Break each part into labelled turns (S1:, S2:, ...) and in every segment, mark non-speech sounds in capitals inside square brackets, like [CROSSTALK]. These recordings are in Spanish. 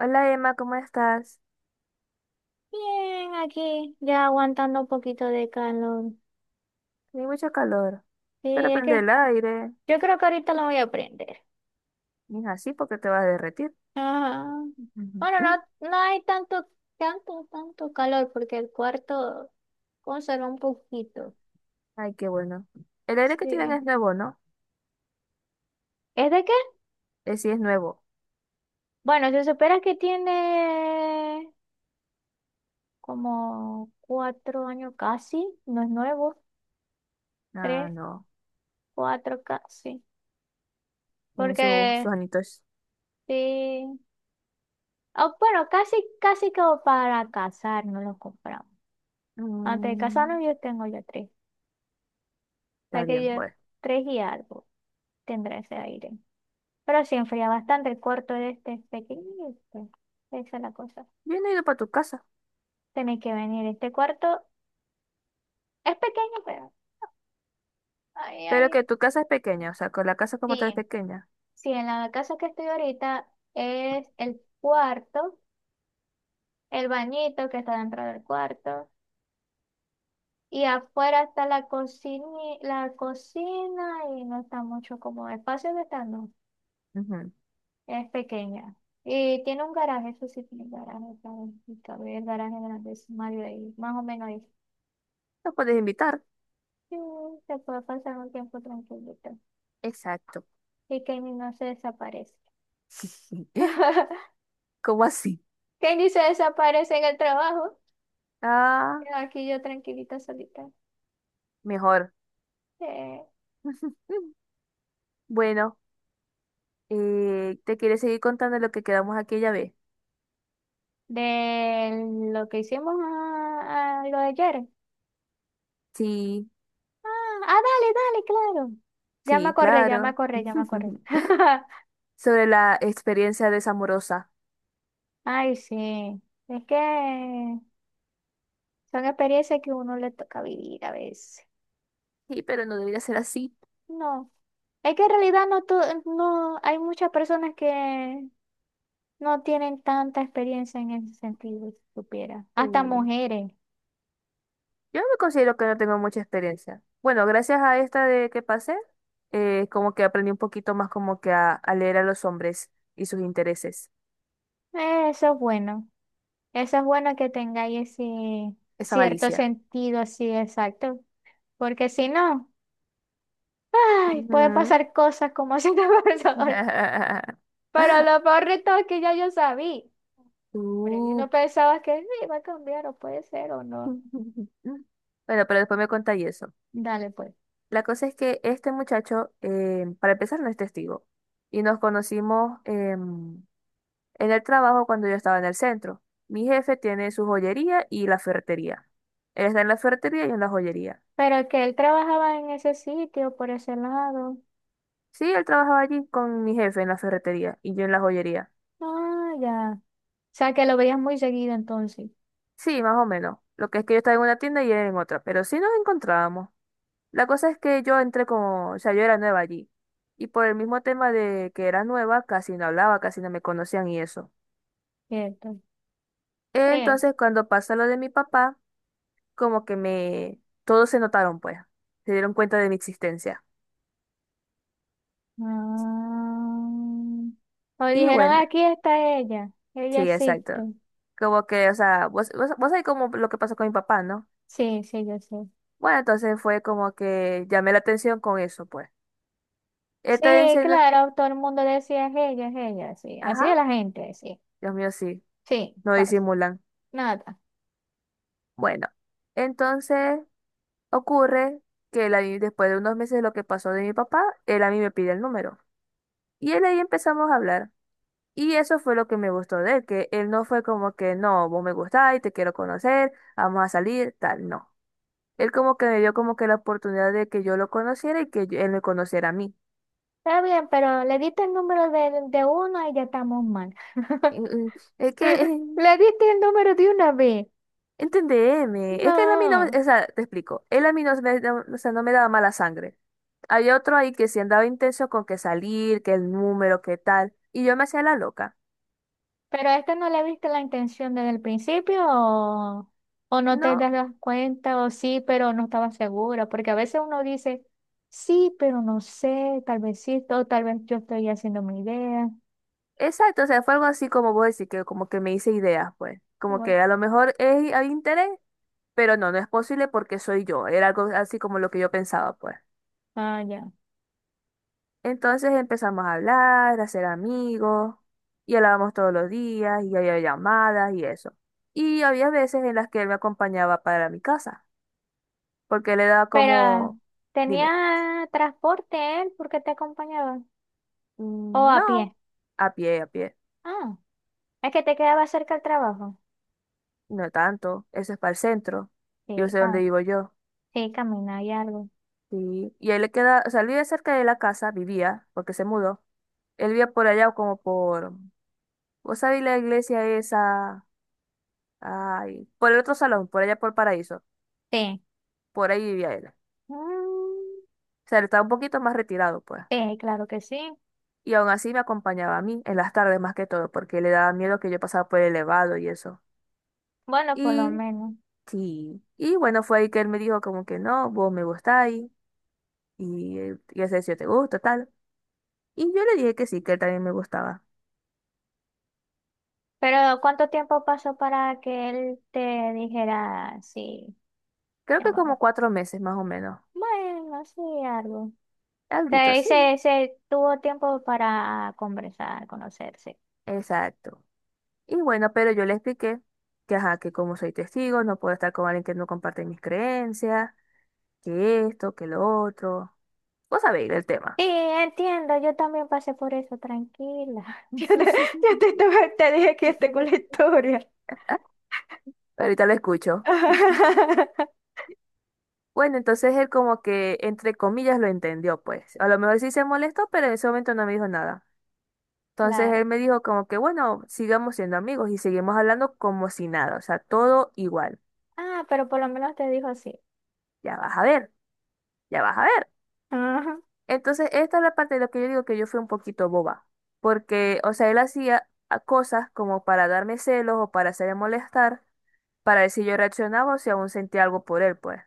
S1: Hola Emma, ¿cómo estás?
S2: Bien, aquí ya aguantando un poquito de calor.
S1: Hay mucho calor,
S2: Sí,
S1: pero
S2: es
S1: prende
S2: que
S1: el aire.
S2: yo creo que ahorita lo voy a prender.
S1: Y es así porque te vas a derretir.
S2: Ajá. Bueno,
S1: Ujú.
S2: no, no hay tanto, tanto, tanto calor porque el cuarto conserva un poquito.
S1: Ay, qué bueno. El aire que tienen
S2: Sí.
S1: es nuevo, ¿no?
S2: ¿Es de qué?
S1: Sí, es nuevo.
S2: Bueno, se supone que tiene como cuatro años casi, no es nuevo,
S1: Ah,
S2: tres,
S1: no.
S2: cuatro casi.
S1: Tienen sus
S2: Porque
S1: anitos.
S2: sí, ah bueno, casi, casi como para casar, no lo compramos. Antes de casarnos
S1: Mm,
S2: yo tengo ya tres. O
S1: Está
S2: sea que
S1: bien,
S2: yo
S1: bueno.
S2: tres y algo tendrá ese aire. Pero sí enfría bastante. El cuarto de este es pequeño. Esa es la cosa.
S1: Yo no he ido para tu casa.
S2: Tenéis que venir. Este cuarto es pequeño, pero... Ay,
S1: Pero que
S2: ay.
S1: tu casa es pequeña, o sea, con la casa como
S2: Sí.
S1: tal es pequeña.
S2: Sí, en la casa que estoy ahorita es el cuarto, el bañito que está dentro del cuarto. Y afuera está la cocina y no está mucho como espacio de estar, no.
S1: Ujú.
S2: Es pequeña. Y tiene un garaje, eso sí tiene garaje, claro, y cabe el garaje grande de su marido ahí, más o menos ahí.
S1: ¿Los puedes invitar?
S2: Sí, se puede pasar un tiempo tranquilito.
S1: Exacto.
S2: Y Kenny no se desaparece.
S1: [LAUGHS]
S2: [LAUGHS]
S1: ¿Cómo así?
S2: Kenny se desaparece en el trabajo.
S1: Ah,
S2: Quedo aquí yo tranquilita, solita.
S1: mejor.
S2: De,
S1: [LAUGHS] Bueno. ¿Te quieres seguir contando lo que quedamos aquella vez?
S2: de lo que hicimos a lo de ayer.
S1: Sí,
S2: Ah, dale, dale, claro.
S1: sí, claro.
S2: Ya me acordé.
S1: [LAUGHS]
S2: [LAUGHS]
S1: Sobre la experiencia desamorosa.
S2: Ay, sí. Es que son experiencias que uno le toca vivir a veces.
S1: Sí, pero no debería ser así.
S2: No, es que en realidad no, no hay muchas personas que no tienen tanta experiencia en ese sentido, si supiera. Hasta
S1: Eh,
S2: mujeres.
S1: yo me considero que no tengo mucha experiencia. Bueno, gracias a esta de que pasé, como que aprendí un poquito más como que a leer a los hombres y sus intereses.
S2: Eso es bueno. Eso es bueno que tengáis ese
S1: Esa
S2: cierto
S1: malicia.
S2: sentido así, exacto. Porque si no, ay, puede
S1: Ujú.
S2: pasar cosas como si te [LAUGHS] pasó.
S1: [LAUGHS]
S2: Pero lo peor de todo es que ya yo sabía. Pero yo
S1: Uh.
S2: no pensaba que sí, iba a cambiar o puede ser o no.
S1: [LAUGHS] Bueno, pero después me contáis eso.
S2: Dale pues.
S1: La cosa es que este muchacho, para empezar, no es testigo. Y nos conocimos en el trabajo cuando yo estaba en el centro. Mi jefe tiene su joyería y la ferretería. Él está en la ferretería y yo en la joyería.
S2: Pero que él trabajaba en ese sitio, por ese lado.
S1: Sí, él trabajaba allí con mi jefe en la ferretería y yo en la joyería.
S2: Ah, ya. O sea, que lo veías muy seguido entonces.
S1: Sí, más o menos. Lo que es que yo estaba en una tienda y él en otra, pero sí nos encontrábamos. La cosa es que yo entré como, o sea, yo era nueva allí. Y por el mismo tema de que era nueva, casi no hablaba, casi no me conocían y eso.
S2: Cierto. Sí.
S1: Entonces, cuando pasó lo de mi papá, como que me. Todos se notaron, pues. Se dieron cuenta de mi existencia.
S2: Ah. O
S1: Y
S2: dijeron,
S1: bueno,
S2: aquí está ella. Ella
S1: sí,
S2: existe.
S1: exacto. Como que, o sea, vos sabés como lo que pasó con mi papá, ¿no?
S2: Sí, sí, yo sé.
S1: Bueno, entonces fue como que llamé la atención con eso, pues.
S2: Sí,
S1: Está diciendo,
S2: claro, todo el mundo decía, es ella, sí. Así
S1: ajá,
S2: es la gente, sí.
S1: Dios mío, sí,
S2: Sí,
S1: no
S2: pasa.
S1: disimulan.
S2: Nada.
S1: Bueno, entonces ocurre que él ahí, después de unos meses de lo que pasó de mi papá, él a mí me pide el número. Y él ahí empezamos a hablar. Y eso fue lo que me gustó de él, que él no fue como que, no, vos me gustás y te quiero conocer, vamos a salir, tal, no. Él como que me dio como que la oportunidad de que yo lo conociera y que yo- él me conociera a mí.
S2: Está bien, pero le diste el número de uno y ya estamos mal. [LAUGHS]
S1: Mm, mm, Es que,
S2: Le diste el número de una vez.
S1: entendeme, es que él a mí no,
S2: No.
S1: o sea, te explico, él a mí no, o sea, no me daba mala sangre. Hay otro ahí que sí andaba intenso con que salir, que el número, que tal, y yo me hacía la loca.
S2: ¿Pero a este no le viste la intención desde el principio o no te
S1: No,
S2: das cuenta o sí, pero no estaba segura? Porque a veces uno dice, sí, pero no sé, tal vez sí, o tal vez yo estoy haciendo mi idea.
S1: exacto, o sea, fue algo así como vos decís, que como que me hice ideas, pues. Como
S2: Como,
S1: que a lo mejor es, hay interés. Pero no, no es posible porque soy yo. Era algo así como lo que yo pensaba, pues.
S2: ah, ya.
S1: Entonces empezamos a hablar, a ser amigos, y hablábamos todos los días, y había llamadas y eso. Y había veces en las que él me acompañaba para mi casa, porque le daba
S2: Pero,
S1: como, dime,
S2: ¿tenía transporte él porque te acompañaba? ¿O
S1: "Mm,
S2: a pie?
S1: no, a pie,
S2: Ah, es que te quedaba cerca del trabajo.
S1: no tanto, eso es para el centro, yo
S2: Sí,
S1: sé dónde
S2: cam
S1: vivo yo."
S2: sí, camina y algo.
S1: Sí. Y él le queda, o sea, él vive cerca de la casa, vivía, porque se mudó. Él vivía por allá como por, vos sabés la iglesia esa, ay, por el otro salón, por allá por Paraíso,
S2: Sí.
S1: por ahí vivía él. O
S2: Mm,
S1: sea, él estaba un poquito más retirado, pues.
S2: sí, claro que sí.
S1: Y aún así me acompañaba a mí en las tardes más que todo, porque le daba miedo que yo pasara por el elevado y eso.
S2: Bueno, por lo
S1: Y
S2: menos.
S1: sí, y bueno, fue ahí que él me dijo como que no, vos me gustáis, y yo sé si yo te gusto, tal. Y yo le dije que sí, que él también me gustaba.
S2: Pero ¿cuánto tiempo pasó para que él te dijera sí,
S1: Creo
S2: mi
S1: que
S2: amor?
S1: como 4 meses más o menos.
S2: Bueno, sí, algo. O
S1: Alguito,
S2: sea, y
S1: sí.
S2: se tuvo tiempo para conversar, conocerse.
S1: Exacto. Y bueno, pero yo le expliqué que, ajá, que como soy testigo, no puedo estar con alguien que no comparte mis creencias, que esto, que lo otro. Vos sabéis el tema.
S2: Sí, entiendo, yo también pasé por eso, tranquila. [LAUGHS]
S1: [LAUGHS]
S2: Te dije que tengo la historia.
S1: Ahorita lo escucho. [LAUGHS]
S2: [LAUGHS]
S1: Bueno, entonces él como que, entre comillas, lo entendió, pues. A lo mejor sí se molestó, pero en ese momento no me dijo nada. Entonces
S2: Claro.
S1: él me dijo como que, bueno, sigamos siendo amigos y seguimos hablando como si nada, o sea, todo igual.
S2: Ah, pero por lo menos te dijo sí.
S1: Ya vas a ver, ya vas a ver.
S2: Ajá.
S1: Entonces, esta es la parte de lo que yo digo que yo fui un poquito boba, porque, o sea, él hacía cosas como para darme celos o para hacerme molestar, para ver si yo reaccionaba o si aún sentía algo por él, pues.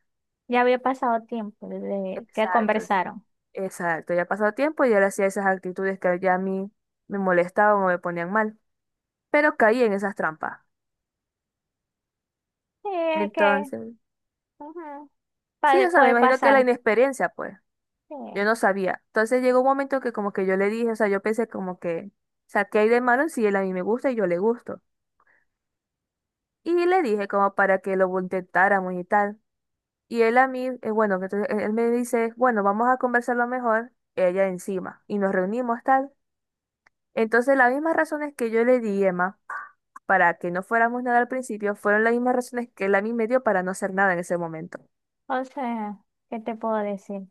S2: Ya había pasado tiempo desde que
S1: Exacto, sí.
S2: conversaron.
S1: Exacto, ya pasó tiempo y él hacía esas actitudes que ya a mí me molestaban o me ponían mal, pero caí en esas trampas.
S2: Sí, es que
S1: Entonces,
S2: ajá,
S1: sí, o sea, me
S2: puede
S1: imagino que la
S2: pasar.
S1: inexperiencia, pues,
S2: Sí.
S1: yo no sabía. Entonces llegó un momento que como que yo le dije, o sea, yo pensé como que, o sea, ¿qué hay de malo si él a mí me gusta y yo le gusto? Y le dije como para que lo intentáramos y tal. Y él a mí, bueno, que entonces él me dice, bueno, vamos a conversarlo mejor, ella encima. Y nos reunimos tal. Entonces las mismas razones que yo le di, Emma, para que no fuéramos nada al principio, fueron las mismas razones que él a mí me dio para no hacer nada en ese momento.
S2: O sea, ¿qué te puedo decir?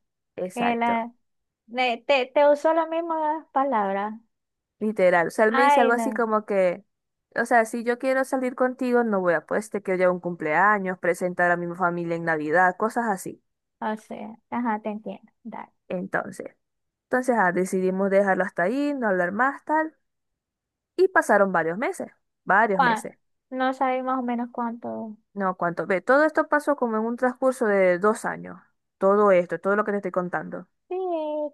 S2: Que
S1: Exacto.
S2: la, te, te usó la misma palabra.
S1: Literal. O sea, él me dice
S2: Ay,
S1: algo así
S2: no.
S1: como que, o sea, si yo quiero salir contigo, no voy a, pues te quiero llevar a un cumpleaños, presentar a mi familia en Navidad, cosas así.
S2: O sea, ajá, te entiendo. Dale.
S1: Entonces. Entonces, decidimos dejarlo hasta ahí, no hablar más, tal. Y pasaron varios meses, varios
S2: ¿Cuán-
S1: meses.
S2: No sabes más o menos cuánto.
S1: No, cuánto. Ve, todo esto pasó como en un transcurso de 2 años. Todo esto, todo lo que te estoy contando.
S2: Sí,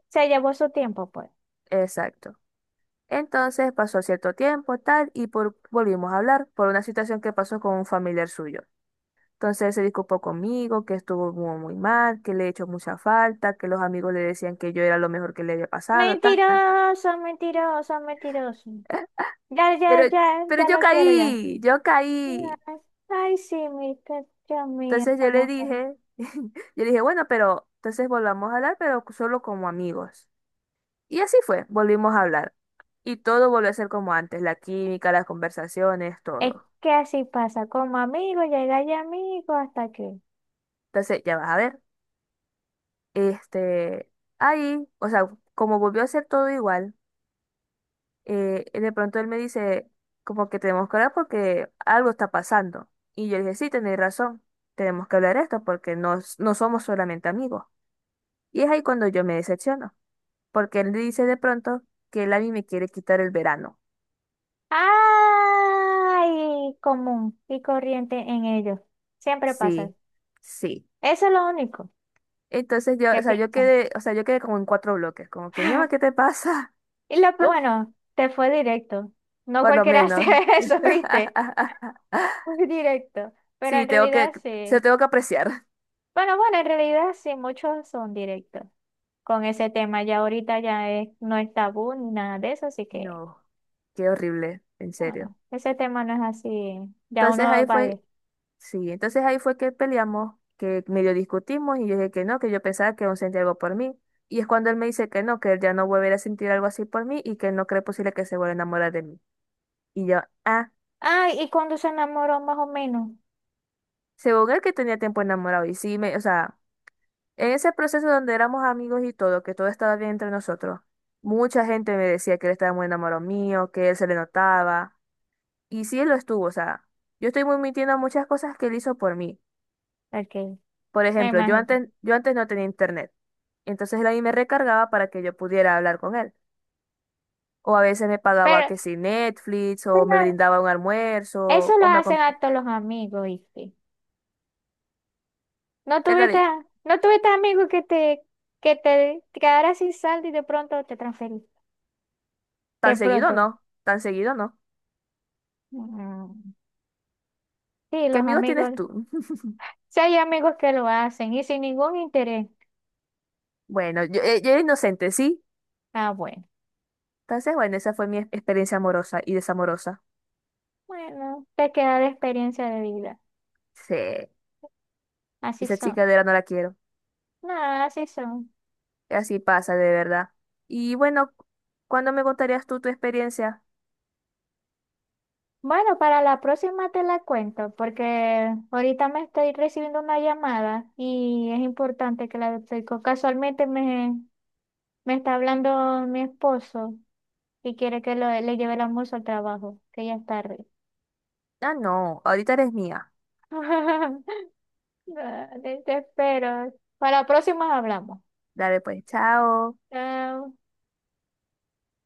S2: se llevó su tiempo, pues.
S1: Exacto. Entonces pasó cierto tiempo, tal, y volvimos a hablar por una situación que pasó con un familiar suyo. Entonces él se disculpó conmigo, que estuvo muy, muy mal, que le he hecho mucha falta, que los amigos le decían que yo era lo mejor que le había pasado, tal, tal, tal.
S2: Mentiroso, mentiroso, mentiroso. Ya,
S1: Pero,
S2: ya, ya,
S1: pero
S2: ya
S1: yo
S2: lo quiero ya.
S1: caí, yo caí.
S2: Ay, ay, sí, mi Dios mío,
S1: Entonces
S2: esta
S1: yo le
S2: mujer.
S1: dije, [LAUGHS] yo le dije, bueno, pero entonces volvamos a hablar, pero solo como amigos. Y así fue, volvimos a hablar. Y todo volvió a ser como antes, la química, las conversaciones,
S2: Es
S1: todo.
S2: que así pasa, como amigo, llega ya amigo hasta aquí.
S1: Entonces, ya vas a ver, este, ahí, o sea, como volvió a ser todo igual, de pronto él me dice, como que tenemos que hablar porque algo está pasando. Y yo le dije, sí, tenéis razón, tenemos que hablar esto porque no, no somos solamente amigos. Y es ahí cuando yo me decepciono, porque él dice de pronto que él a mí me quiere quitar el verano.
S2: Ay, común y corriente en ellos. Siempre pasa.
S1: Sí, sí.
S2: Eso es lo único
S1: Entonces yo,
S2: que
S1: o sea, yo
S2: piensan.
S1: quedé, o sea, yo quedé como en cuatro bloques, como que, mi mamá, ¿qué
S2: [LAUGHS]
S1: te pasa?
S2: Y lo,
S1: [LAUGHS]
S2: bueno, te fue directo. No
S1: Por lo
S2: cualquiera hace
S1: menos.
S2: [LAUGHS] eso, ¿viste?
S1: [LAUGHS]
S2: Muy directo. Pero
S1: Sí,
S2: en
S1: tengo que,
S2: realidad
S1: se lo
S2: sí.
S1: tengo que apreciar.
S2: Bueno, en realidad sí, muchos son directos con ese tema. Ya ahorita ya no es tabú ni nada de eso, así que
S1: No, qué horrible, en serio.
S2: bueno, ese tema no es así. Ya
S1: Entonces
S2: uno
S1: ahí
S2: va a ir.
S1: fue, sí, entonces ahí fue que peleamos, que medio discutimos y yo dije que no, que yo pensaba que aún sentía algo por mí. Y es cuando él me dice que no, que él ya no volverá a sentir algo así por mí y que no cree posible que se vuelva a enamorar de mí. Y yo, ah,
S2: Ay, ¿y cuando se enamoró más o menos?
S1: según él que tenía tiempo enamorado. Y sí, me, o sea, en ese proceso donde éramos amigos y todo, que todo estaba bien entre nosotros, mucha gente me decía que él estaba muy enamorado mío, que él se le notaba. Y sí, él lo estuvo, o sea, yo estoy muy mintiendo muchas cosas que él hizo por mí.
S2: Ok,
S1: Por
S2: me
S1: ejemplo, yo
S2: imagino.
S1: antes, yo antes no tenía internet. Entonces él ahí me recargaba para que yo pudiera hablar con él. O a veces me pagaba
S2: Pero
S1: que si Netflix, o me
S2: bueno,
S1: brindaba un
S2: eso
S1: almuerzo,
S2: lo hacen a todos los amigos, ¿viste? No
S1: Es
S2: tuviste,
S1: decir,
S2: no tuviste amigos que que te quedaras sin saldo y de pronto te transferiste. De
S1: tan seguido
S2: pronto.
S1: no, tan seguido no.
S2: Mm, sí,
S1: ¿Qué
S2: los
S1: amigos tienes
S2: amigos.
S1: tú?
S2: Sí hay amigos que lo hacen y sin ningún interés.
S1: Bueno, yo era inocente, ¿sí?
S2: Ah, bueno.
S1: Entonces, bueno, esa fue mi experiencia amorosa y desamorosa.
S2: Bueno, te queda de experiencia de vida.
S1: Sí,
S2: Así
S1: esa
S2: son.
S1: chica de verdad no la quiero.
S2: No, así son.
S1: Así pasa, de verdad. Y bueno, ¿cuándo me contarías tú tu experiencia?
S2: Bueno, para la próxima te la cuento, porque ahorita me estoy recibiendo una llamada y es importante que la estoy casualmente me... Me está hablando mi esposo y quiere que le lleve el almuerzo al trabajo, que ya es tarde.
S1: Ah, no, ahorita eres mía.
S2: [LAUGHS] Dale, te espero. Para la próxima hablamos.
S1: Dale pues, chao.
S2: Chao.